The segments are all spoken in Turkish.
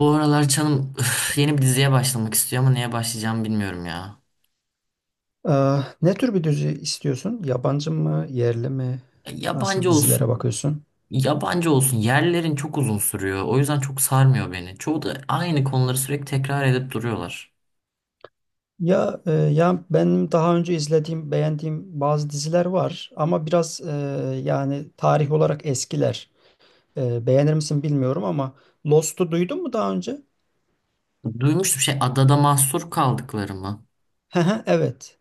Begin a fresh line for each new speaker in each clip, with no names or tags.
Bu aralar canım üf, yeni bir diziye başlamak istiyor ama neye başlayacağımı bilmiyorum ya.
Ee, ne tür bir dizi istiyorsun? Yabancı mı, yerli mi?
Ya
Nasıl
yabancı
dizilere
olsun.
bakıyorsun?
Yabancı olsun. Yerlerin çok uzun sürüyor. O yüzden çok sarmıyor beni. Çoğu da aynı konuları sürekli tekrar edip duruyorlar.
Ya benim daha önce izlediğim, beğendiğim bazı diziler var ama biraz yani tarih olarak eskiler. Beğenir misin bilmiyorum ama Lost'u duydun mu daha önce?
Duymuştum, şey, adada mahsur kaldıkları mı?
Hı hı, evet.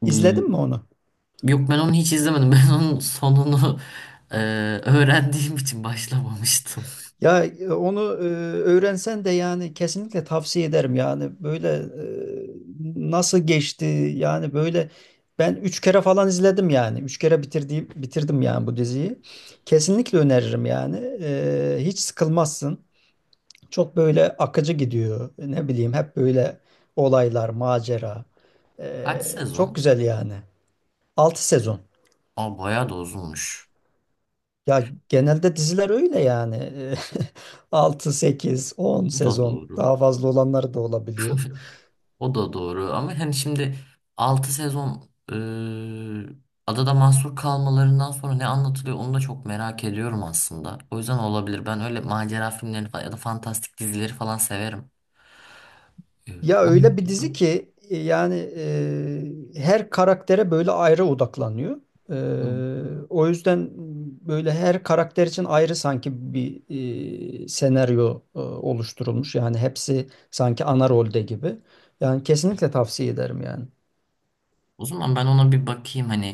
Hmm.
İzledin mi onu?
Yok, ben onu hiç izlemedim. Ben onun sonunu e, öğrendiğim için başlamamıştım.
Ya onu öğrensen de yani kesinlikle tavsiye ederim. Yani böyle nasıl geçti yani. Böyle ben üç kere falan izledim yani üç kere bitirdim yani bu diziyi. Kesinlikle öneririm yani. Hiç sıkılmazsın, çok böyle akıcı gidiyor, ne bileyim hep böyle olaylar, macera. E,
Kaç
çok
sezon?
güzel yani. Altı sezon.
Aa bayağı da uzunmuş.
Ya genelde diziler öyle yani. Altı, sekiz, 10
Bu da
sezon,
doğru.
daha fazla olanları da olabiliyor.
O da doğru ama hani şimdi 6 sezon, adada mahsur kalmalarından sonra ne anlatılıyor onu da çok merak ediyorum aslında. O yüzden olabilir. Ben öyle macera filmlerini falan ya da fantastik dizileri falan severim. E,
Ya öyle
onun.
bir dizi ki yani her karaktere böyle ayrı odaklanıyor.
Hı.
O yüzden böyle her karakter için ayrı sanki bir senaryo oluşturulmuş. Yani hepsi sanki ana rolde gibi. Yani kesinlikle tavsiye ederim yani.
O zaman ben ona bir bakayım, hani,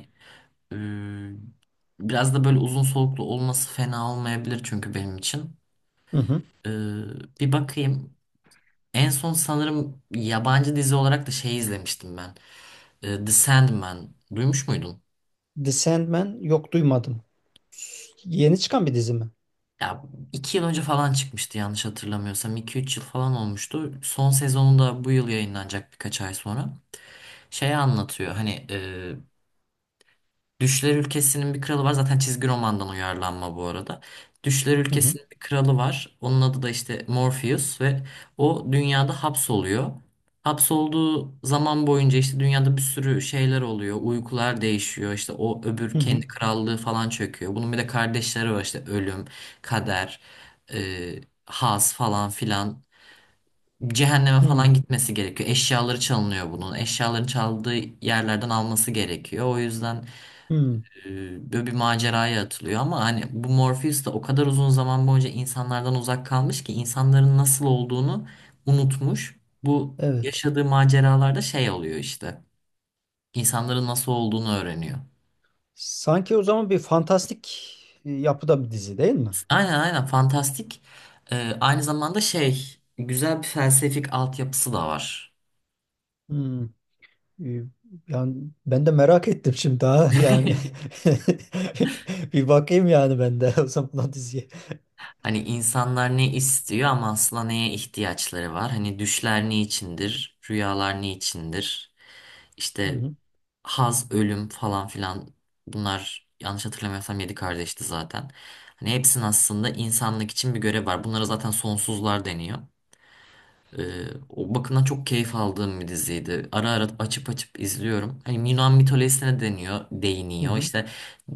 e, biraz da böyle uzun soluklu olması fena olmayabilir çünkü benim için.
Hı hı.
E, bir bakayım. En son sanırım yabancı dizi olarak da şey izlemiştim ben. E, The Sandman. Duymuş muydun?
The Sandman, yok duymadım. Yeni çıkan bir dizi mi?
Ya 2 yıl önce falan çıkmıştı yanlış hatırlamıyorsam. İki üç yıl falan olmuştu. Son sezonu da bu yıl yayınlanacak, birkaç ay sonra. Şey anlatıyor, hani, Düşler Ülkesi'nin bir kralı var. Zaten çizgi romandan uyarlanma bu arada. Düşler
Hı hı.
Ülkesi'nin bir kralı var. Onun adı da işte Morpheus ve o dünyada hapsoluyor. Hapsolduğu zaman boyunca işte dünyada bir sürü şeyler oluyor. Uykular değişiyor. İşte o öbür
Hı hı.
kendi krallığı falan çöküyor. Bunun bir de kardeşleri var, işte ölüm, kader, e, haz falan filan. Cehenneme
Hı.
falan gitmesi gerekiyor. Eşyaları çalınıyor bunun. Eşyaları çaldığı yerlerden alması gerekiyor. O yüzden
Hmm,
böyle bir maceraya atılıyor ama hani bu Morpheus da o kadar uzun zaman boyunca insanlardan uzak kalmış ki insanların nasıl olduğunu unutmuş. Bu
evet.
yaşadığı maceralarda şey oluyor işte. İnsanların nasıl olduğunu öğreniyor.
Sanki o zaman bir fantastik yapıda bir dizi, değil mi?
Aynen, aynen, fantastik. E, aynı zamanda şey, güzel bir felsefik altyapısı da var.
Hmm, e, yani ben de merak ettim şimdi daha yani. Bir bakayım yani ben de o zaman o diziye.
Hani insanlar ne istiyor ama aslında neye ihtiyaçları var? Hani düşler ne içindir? Rüyalar ne içindir?
Hı
İşte
hı,
Haz, Ölüm falan filan, bunlar yanlış hatırlamıyorsam 7 kardeşti zaten. Hani hepsinin aslında insanlık için bir görev var. Bunlara zaten sonsuzlar deniyor. O bakımdan çok keyif aldığım bir diziydi. Ara ara açıp açıp izliyorum. Hani Yunan mitolojisine deniyor,
hı
değiniyor.
hı.
İşte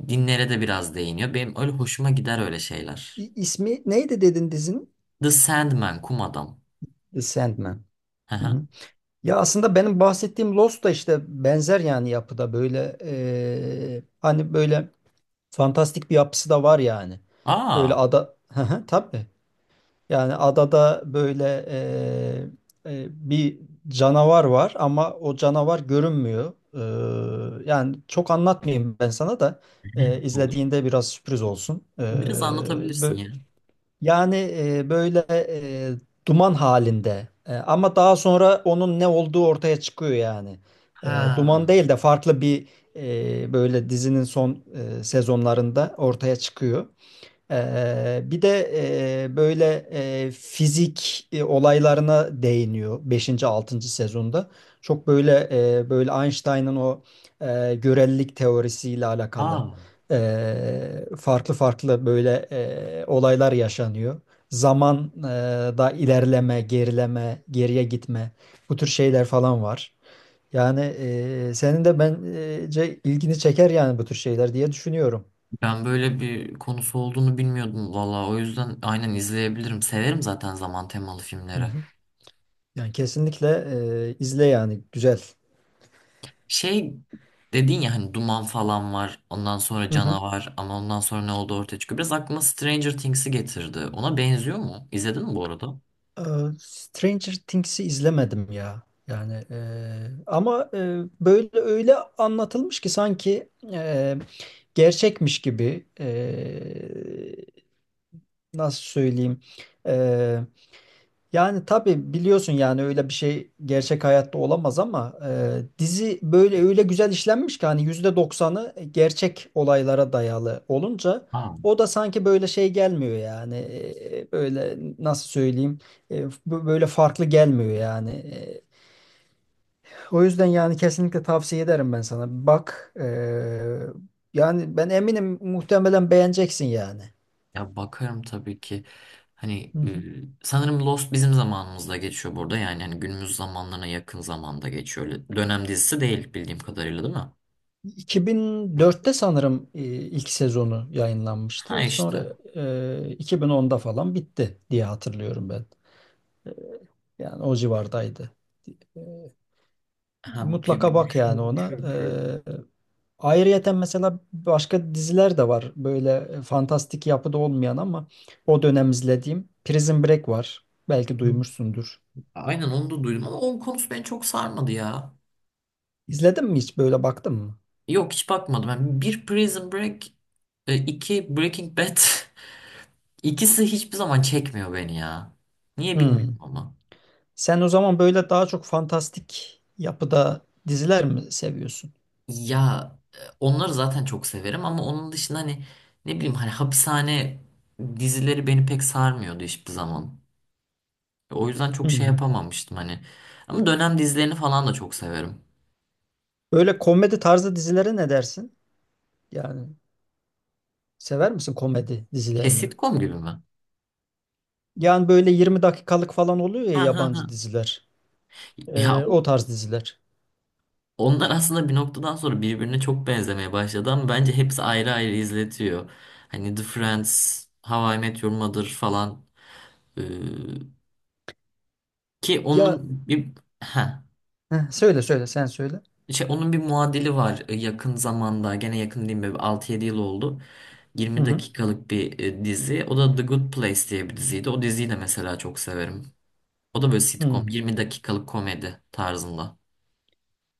dinlere de biraz değiniyor. Benim öyle hoşuma gider öyle şeyler.
İsmi neydi dedin dizinin?
The Sandman, Kum Adam.
The Sandman.
Hı
Hı
hı.
hı. Ya aslında benim bahsettiğim Lost da işte benzer yani yapıda böyle, hani böyle fantastik bir yapısı da var yani. Böyle
Aa.
ada. Hı hı, tabii. Yani adada böyle bir canavar var ama o canavar görünmüyor. Yani çok anlatmayayım ben sana da,
Olur.
izlediğinde biraz sürpriz olsun.
Biraz anlatabilirsin
Bö-
ya.
yani böyle duman halinde, ama daha sonra onun ne olduğu ortaya çıkıyor yani. Duman
Ha.
değil de farklı bir, böyle dizinin son sezonlarında ortaya çıkıyor. Bir de böyle fizik olaylarına değiniyor beşinci altıncı sezonda. Çok böyle böyle Einstein'ın o görelilik teorisiyle alakalı
Aa.
farklı farklı böyle olaylar yaşanıyor. Zaman da ilerleme, gerileme, geriye gitme, bu tür şeyler falan var. Yani senin de bence ilgini çeker yani, bu tür şeyler diye düşünüyorum.
Ben böyle bir konusu olduğunu bilmiyordum valla. O yüzden aynen izleyebilirim. Severim zaten zaman temalı
Hı
filmleri.
hı. Yani kesinlikle izle yani, güzel.
Şey dedin ya, hani duman falan var. Ondan sonra
Hı hı.
canavar, ama ondan sonra ne oldu ortaya çıkıyor. Biraz aklıma Stranger Things'i getirdi. Ona benziyor mu? İzledin mi bu arada?
E, Stranger Things'i izlemedim ya. Yani ama böyle öyle anlatılmış ki sanki gerçekmiş gibi, nasıl söyleyeyim, e, yani tabii biliyorsun yani öyle bir şey gerçek hayatta olamaz ama dizi böyle öyle güzel işlenmiş ki hani %90'ı gerçek olaylara dayalı olunca
Aa,
o da sanki böyle şey gelmiyor yani, böyle nasıl söyleyeyim, böyle farklı gelmiyor yani. O yüzden yani kesinlikle tavsiye ederim ben sana. Bak, yani ben eminim muhtemelen beğeneceksin yani.
ya bakarım tabii ki. Hani,
Hı hı.
sanırım Lost bizim zamanımızda geçiyor burada. Yani hani günümüz zamanlarına yakın zamanda geçiyor. Öyle dönem dizisi değil bildiğim kadarıyla, değil mi?
2004'te sanırım ilk sezonu
Ha
yayınlanmıştı.
işte.
Sonra 2010'da falan bitti diye hatırlıyorum ben. Yani o civardaydı. E,
Ha
Mutlaka
bir,
bak yani
düşünüyorum
ona.
çünkü.
E, Ayrıyeten mesela başka diziler de var. Böyle fantastik yapıda olmayan ama o dönem izlediğim Prison Break var. Belki duymuşsundur.
Aynen, onu da duydum ama onun konusu beni çok sarmadı ya.
İzledin mi, hiç böyle baktın mı?
Yok, hiç bakmadım. Yani bir Prison Break, iki Breaking Bad. İkisi hiçbir zaman çekmiyor beni ya. Niye bilmiyorum
Hmm.
ama.
Sen o zaman böyle daha çok fantastik yapıda diziler mi seviyorsun?
Ya onları zaten çok severim ama onun dışında, hani, ne bileyim, hani, hapishane dizileri beni pek sarmıyordu hiçbir zaman. O yüzden çok şey
Hmm.
yapamamıştım hani. Ama dönem dizilerini falan da çok severim.
Böyle komedi tarzı dizilere ne dersin? Yani sever misin komedi
Şey,
dizilerini?
sitcom gibi mi?
Yani böyle 20 dakikalık falan oluyor ya,
Ha ha ha.
yabancı diziler.
Ya
O tarz diziler.
onlar aslında bir noktadan sonra birbirine çok benzemeye başladı ama bence hepsi ayrı ayrı izletiyor. Hani The Friends, How I Met Your Mother falan. Ee, ki
Ya,
onun bir, ha,
heh, söyle söyle, sen söyle.
şey, onun bir muadili var. Yakın zamanda, gene yakın değil mi, 6-7 yıl oldu.
Hı
20
hı.
dakikalık bir dizi. O da The Good Place diye bir diziydi. O diziyi de mesela çok severim. O da böyle sitcom,
Hı.
20 dakikalık komedi tarzında.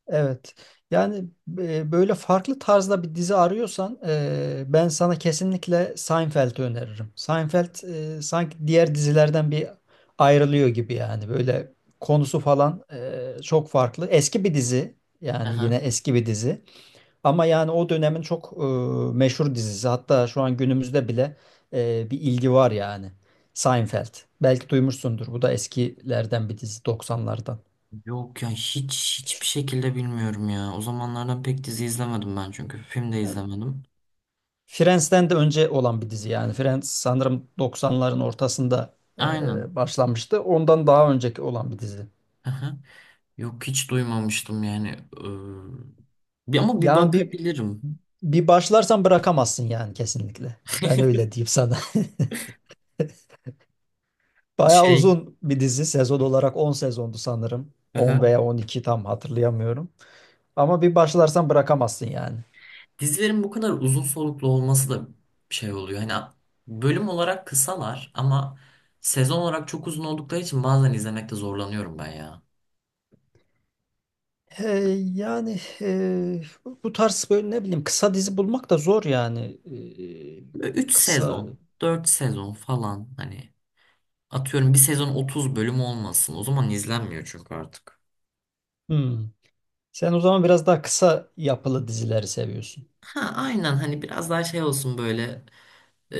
Evet. Yani böyle farklı tarzda bir dizi arıyorsan, ben sana kesinlikle Seinfeld'i öneririm. Seinfeld sanki diğer dizilerden bir ayrılıyor gibi yani. Böyle konusu falan çok farklı. Eski bir dizi yani, yine eski bir dizi. Ama yani o dönemin çok meşhur dizisi. Hatta şu an günümüzde bile bir ilgi var yani. Seinfeld. Belki duymuşsundur. Bu da eskilerden bir dizi, doksanlardan.
Yok ya, hiç hiçbir şekilde bilmiyorum ya. O zamanlardan pek dizi izlemedim ben, çünkü film de izlemedim.
Friends'ten de önce olan bir dizi yani. Friends sanırım 90'ların ortasında
Aynen.
başlanmıştı. Ondan daha önceki olan bir dizi.
Aha. Yok, hiç duymamıştım yani. Ama bir
Yani bir
bakabilirim.
bir başlarsan bırakamazsın yani, kesinlikle. Ben öyle diyeyim sana. Bayağı
Şey,
uzun bir dizi. Sezon olarak 10 sezondu sanırım. 10
aha.
veya 12, tam hatırlayamıyorum. Ama bir başlarsan bırakamazsın yani.
Dizilerin bu kadar uzun soluklu olması da şey oluyor. Hani bölüm olarak kısalar ama sezon olarak çok uzun oldukları için bazen izlemekte zorlanıyorum ben ya.
Ee, yani bu tarz böyle ne bileyim, kısa dizi bulmak da zor yani.
3
Kısa.
sezon, 4 sezon falan, hani, atıyorum bir sezon 30 bölüm olmasın. O zaman izlenmiyor çünkü artık.
Hmm. Sen o zaman biraz daha kısa yapılı dizileri seviyorsun.
Ha aynen, hani biraz daha şey olsun böyle, e,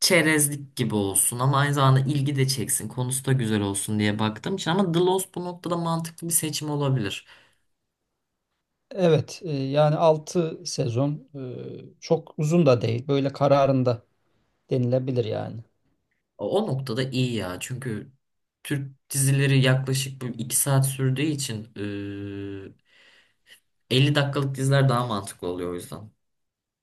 çerezlik gibi olsun ama aynı zamanda ilgi de çeksin. Konusu da güzel olsun diye baktığım için, ama The Lost bu noktada mantıklı bir seçim olabilir.
Evet, yani 6 sezon çok uzun da değil. Böyle kararında denilebilir yani.
O, o noktada iyi ya, çünkü Türk dizileri yaklaşık bu 2 saat sürdüğü için 50 dakikalık diziler daha mantıklı oluyor o yüzden.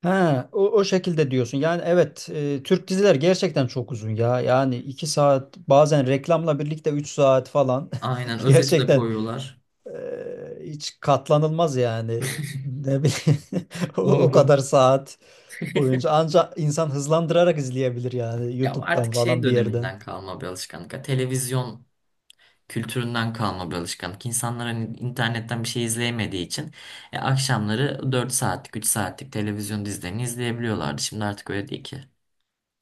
Ha, o şekilde diyorsun. Yani evet, Türk diziler gerçekten çok uzun ya. Yani 2 saat, bazen reklamla birlikte 3 saat falan.
Aynen, özeti de
Gerçekten,
koyuyorlar.
e, hiç katlanılmaz yani. Ne bileyim, o
Doğru.
kadar saat boyunca ancak insan hızlandırarak izleyebilir yani,
Ya
YouTube'dan
artık şey
falan bir yerden.
döneminden kalma bir alışkanlık, ya, televizyon kültüründen kalma bir alışkanlık. İnsanlar hani internetten bir şey izleyemediği için akşamları 4 saatlik, 3 saatlik televizyon dizilerini izleyebiliyorlardı. Şimdi artık öyle değil ki.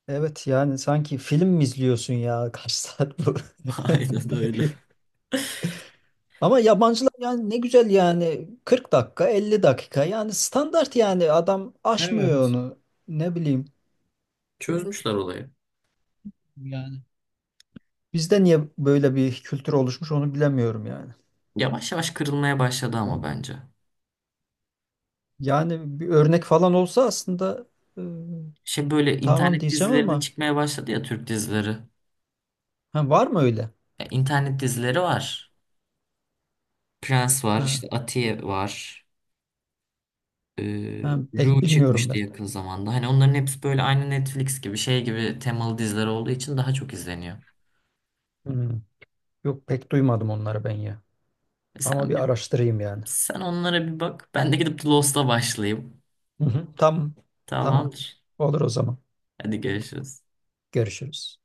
Evet yani sanki film mi izliyorsun ya? Kaç saat bu?
Aynen öyle.
Ama yabancılar yani ne güzel yani, 40 dakika, 50 dakika yani standart, yani adam aşmıyor
Evet.
onu, ne bileyim.
Çözmüşler olayı.
Yani bizde niye böyle bir kültür oluşmuş onu bilemiyorum yani.
Yavaş yavaş kırılmaya başladı ama bence.
Yani bir örnek falan olsa aslında, e,
Şey, böyle
tamam
internet
diyeceğim
dizileri de
ama,
çıkmaya başladı ya, Türk dizileri.
ha, var mı öyle?
Ya, internet dizileri var. Prens var,
Ha,
işte Atiye var. Ee,
ha, pek
Ru
bilmiyorum
çıkmıştı
ben.
yakın zamanda. Hani onların hepsi böyle aynı Netflix gibi, şey gibi temalı diziler olduğu için daha çok izleniyor.
Hmm. Yok pek duymadım onları ben ya.
E
Ama
sen
bir
bir,
araştırayım yani.
sen onlara bir bak. Ben de gidip The Lost'a başlayayım.
Hı hı, tamam. Tamam.
Tamamdır.
Olur o zaman.
Hadi görüşürüz.
Görüşürüz.